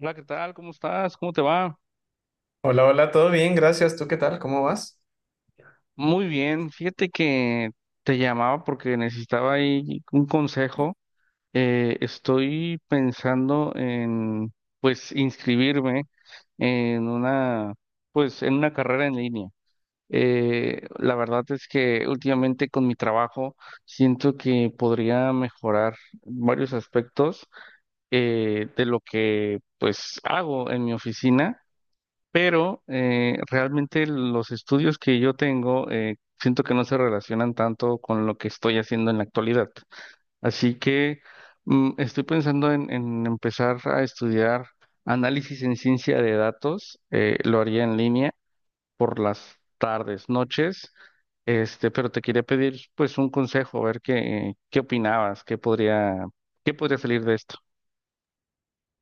Hola, ¿qué tal? ¿Cómo estás? ¿Cómo te va? Hola, hola, todo bien, gracias. ¿Tú qué tal? ¿Cómo vas? Muy bien. Fíjate que te llamaba porque necesitaba ahí un consejo. Estoy pensando en pues, inscribirme en una pues, en una carrera en línea. La verdad es que últimamente con mi trabajo siento que podría mejorar varios aspectos de lo que, pues, hago en mi oficina, pero realmente los estudios que yo tengo, siento que no se relacionan tanto con lo que estoy haciendo en la actualidad. Así que estoy pensando en empezar a estudiar análisis en ciencia de datos. Lo haría en línea por las tardes, noches. Este, pero te quería pedir pues un consejo, a ver qué opinabas, qué podría salir de esto.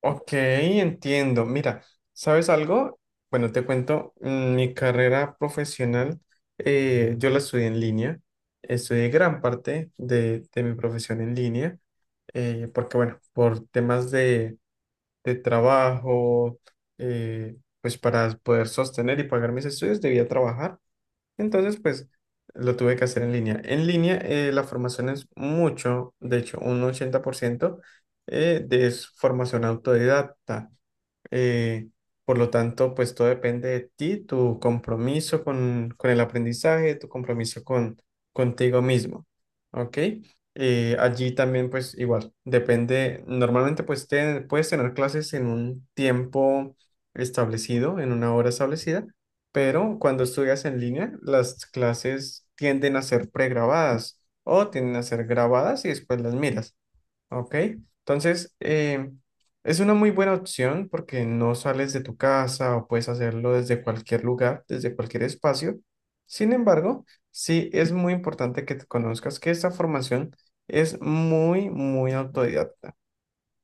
Ok, entiendo. Mira, ¿sabes algo? Bueno, te cuento, mi carrera profesional, yo la estudié en línea. Estudié gran parte de mi profesión en línea, porque bueno, por temas de trabajo, eh, pues para poder sostener y pagar mis estudios debía trabajar. Entonces, pues lo tuve que hacer en línea. En línea, la formación es mucho, de hecho, un 80% de es formación autodidacta. Eh, por lo tanto, pues todo depende de ti, tu compromiso con el aprendizaje, tu compromiso con contigo mismo, ¿ok? Allí también, pues igual, depende, normalmente puedes tener clases en un tiempo establecido, en una hora establecida, pero cuando estudias en línea, las clases tienden a ser pregrabadas o tienden a ser grabadas y después las miras. Ok, entonces es una muy buena opción porque no sales de tu casa o puedes hacerlo desde cualquier lugar, desde cualquier espacio. Sin embargo, sí es muy importante que te conozcas que esta formación es muy, muy autodidacta.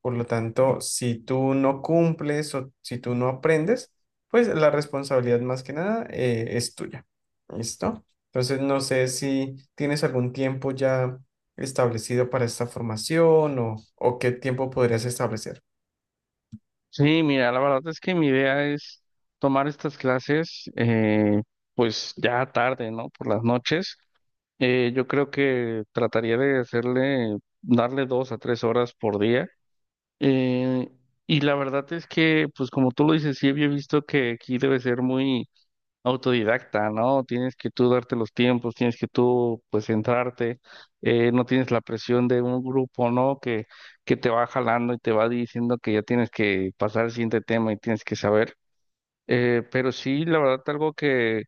Por lo tanto, si tú no cumples o si tú no aprendes, pues la responsabilidad más que nada es tuya. ¿Listo? Entonces, no sé si tienes algún tiempo ya establecido para esta formación o qué tiempo podrías establecer. Sí, mira, la verdad es que mi idea es tomar estas clases, pues ya tarde, ¿no? Por las noches. Yo creo que darle dos a tres horas por día. Eh, y la verdad es que, pues como tú lo dices, sí, había visto que aquí debe ser muy autodidacta, ¿no? Tienes que tú darte los tiempos, tienes que tú, pues, centrarte, no tienes la presión de un grupo, ¿no? Que te va jalando y te va diciendo que ya tienes que pasar al siguiente tema y tienes que saber. Pero sí, la verdad, algo que,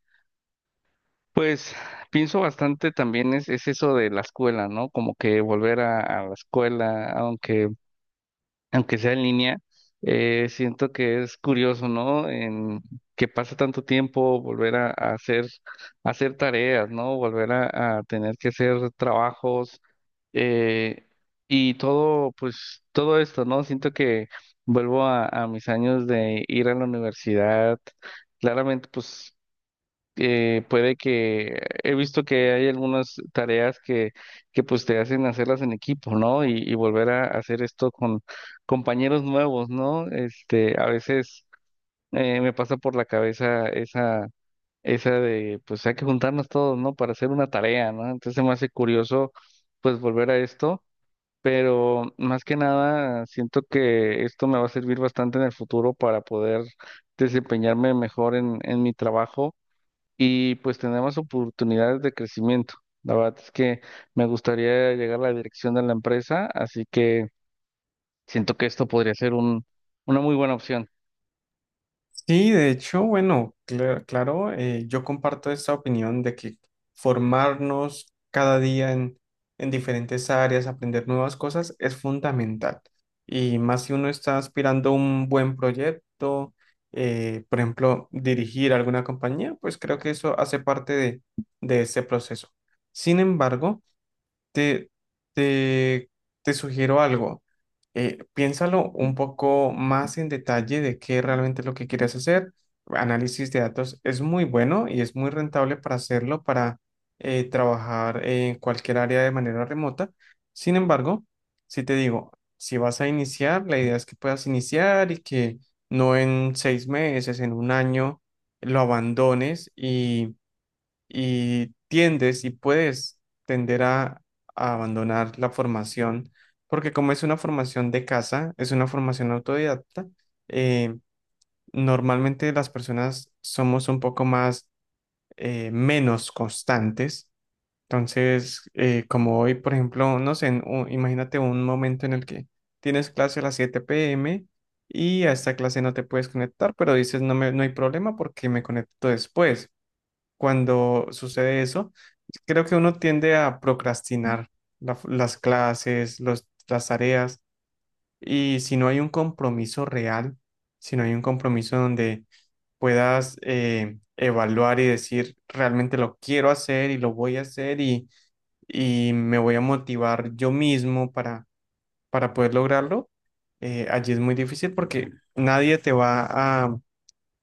pues, pienso bastante también es eso de la escuela, ¿no? Como que volver a la escuela, aunque sea en línea, siento que es curioso, ¿no? En que pasa tanto tiempo volver a hacer tareas, ¿no? Volver a tener que hacer trabajos, eh, y todo, pues todo esto, ¿no? Siento que vuelvo a mis años de ir a la universidad. Claramente, pues puede que he visto que hay algunas tareas que pues te hacen hacerlas en equipo, ¿no? Y volver a hacer esto con compañeros nuevos, ¿no? Este, a veces me pasa por la cabeza esa de, pues hay que juntarnos todos, ¿no? Para hacer una tarea, ¿no? Entonces se me hace curioso, pues volver a esto. Pero más que nada, siento que esto me va a servir bastante en el futuro para poder desempeñarme mejor en mi trabajo y pues tenemos oportunidades de crecimiento. La verdad es que me gustaría llegar a la dirección de la empresa, así que siento que esto podría ser una muy buena opción. Sí, de hecho, bueno, claro, yo comparto esta opinión de que formarnos cada día en diferentes áreas, aprender nuevas cosas es fundamental. Y más si uno está aspirando a un buen proyecto, por ejemplo, dirigir alguna compañía, pues creo que eso hace parte de ese proceso. Sin embargo, te, te, te sugiero algo. Piénsalo un poco más en detalle de qué realmente es lo que quieres hacer. Análisis de datos es muy bueno y es muy rentable para hacerlo, para trabajar en cualquier área de manera remota. Sin embargo, si te digo, si vas a iniciar, la idea es que puedas iniciar y que no en seis meses, en un año, lo abandones y tiendes y puedes tender a abandonar la formación, porque como es una formación de casa, es una formación autodidacta, eh, normalmente las personas somos un poco más menos constantes. Entonces, como hoy, por ejemplo, no sé, imagínate un momento en el que tienes clase a las 7 p.m. y a esta clase no te puedes conectar, pero dices, no me, no hay problema porque me conecto después cuando sucede eso, creo que uno tiende a procrastinar las clases, las tareas, y si no hay un compromiso real, si no hay un compromiso donde puedas evaluar y decir, realmente lo quiero hacer y lo voy a hacer y me voy a motivar yo mismo para poder lograrlo, allí es muy difícil porque nadie te va a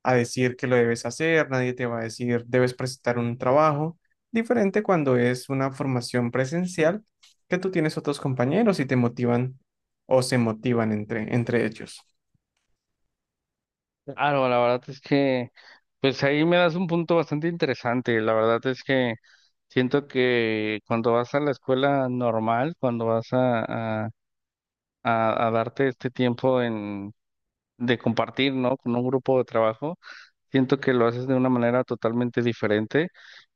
a decir que lo debes hacer, nadie te va a decir debes presentar un trabajo, diferente cuando es una formación presencial que tú tienes otros compañeros y te motivan o se motivan entre, entre ellos. Claro, la verdad es que, pues ahí me das un punto bastante interesante. La verdad es que siento que cuando vas a la escuela normal, cuando vas a darte este tiempo de compartir, ¿no? Con un grupo de trabajo, siento que lo haces de una manera totalmente diferente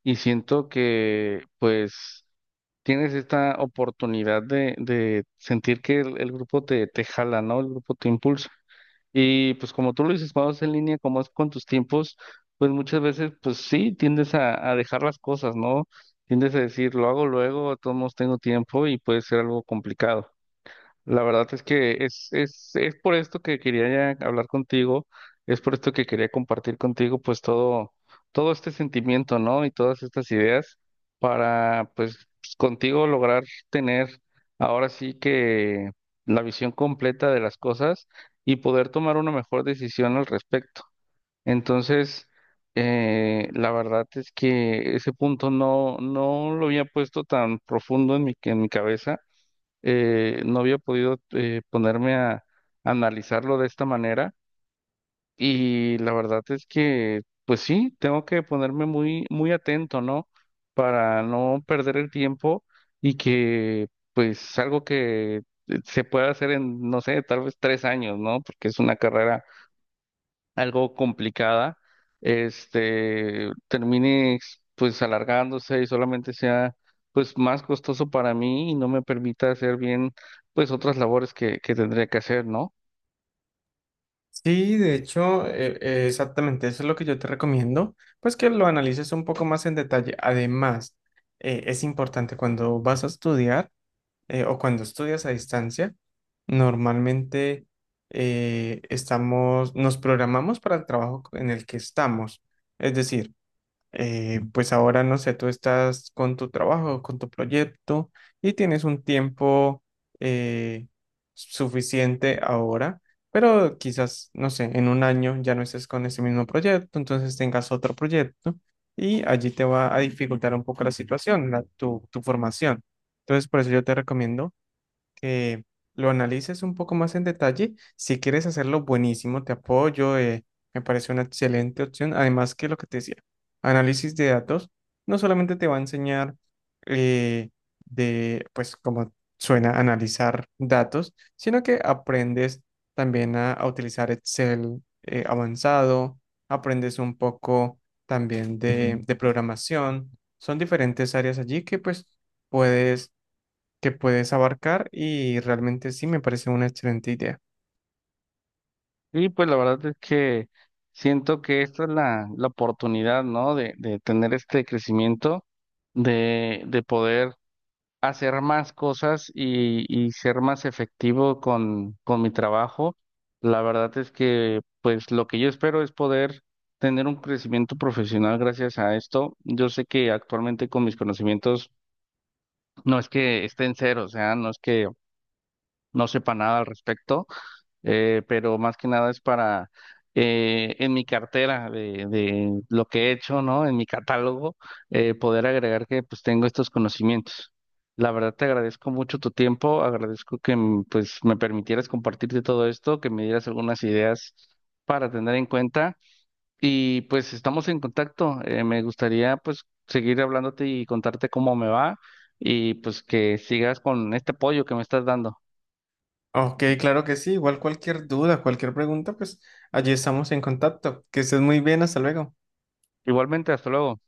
y siento que pues tienes esta oportunidad de sentir que el grupo te jala, ¿no? El grupo te impulsa. Y pues como tú lo dices, cuando es en línea, como es con tus tiempos, pues muchas veces pues sí, tiendes a dejar las cosas, ¿no? Tiendes a decir, lo hago luego, a todos modos tengo tiempo y puede ser algo complicado. La verdad es que es por esto que quería ya hablar contigo, es por esto que quería compartir contigo pues todo, todo este sentimiento, ¿no? Y todas estas ideas para pues contigo lograr tener ahora sí que la visión completa de las cosas y poder tomar una mejor decisión al respecto. Entonces, la verdad es que ese punto no lo había puesto tan profundo en en mi cabeza, no había podido, ponerme a analizarlo de esta manera, y la verdad es que, pues sí, tengo que ponerme muy, muy atento, ¿no? Para no perder el tiempo y que, pues, algo que se pueda hacer en, no sé, tal vez tres años, ¿no? Porque es una carrera algo complicada, este, termine pues alargándose y solamente sea pues más costoso para mí y no me permita hacer bien pues otras labores que tendría que hacer, ¿no? Sí, de hecho, exactamente eso es lo que yo te recomiendo, pues que lo analices un poco más en detalle. Además, es importante cuando vas a estudiar o cuando estudias a distancia, normalmente estamos, nos programamos para el trabajo en el que estamos. Es decir, pues ahora no sé, tú estás con tu trabajo, con tu proyecto y tienes un tiempo eh, suficiente ahora, pero quizás, no sé, en un año ya no estés con ese mismo proyecto, entonces tengas otro proyecto y allí te va a dificultar un poco la situación, tu formación. Entonces, por eso yo te recomiendo que lo analices un poco más en detalle. Si quieres hacerlo, buenísimo, te apoyo, me parece una excelente opción. Además que lo que te decía, análisis de datos no solamente te va a enseñar eh, de, pues como suena, analizar datos, sino que aprendes también a utilizar Excel avanzado, aprendes un poco también de, Ujú. De programación. Son diferentes áreas allí que pues puedes que puedes abarcar y realmente sí me parece una excelente idea. Y pues la verdad es que siento que esta es la oportunidad, ¿no? De tener este crecimiento, de poder hacer más cosas y ser más efectivo con mi trabajo. La verdad es que, pues, lo que yo espero es poder tener un crecimiento profesional gracias a esto. Yo sé que actualmente con mis conocimientos no es que esté en cero, o sea, no es que no sepa nada al respecto, pero más que nada es para, en mi cartera de lo que he hecho, ¿no? En mi catálogo, poder agregar que pues tengo estos conocimientos. La verdad te agradezco mucho tu tiempo, agradezco que pues me permitieras compartirte todo esto, que me dieras algunas ideas para tener en cuenta y pues estamos en contacto. Me gustaría pues seguir hablándote y contarte cómo me va y pues que sigas con este apoyo que me estás dando. Ok, claro que sí. Igual cualquier duda, cualquier pregunta, pues allí estamos en contacto. Que estés muy bien, hasta luego. Igualmente, hasta luego.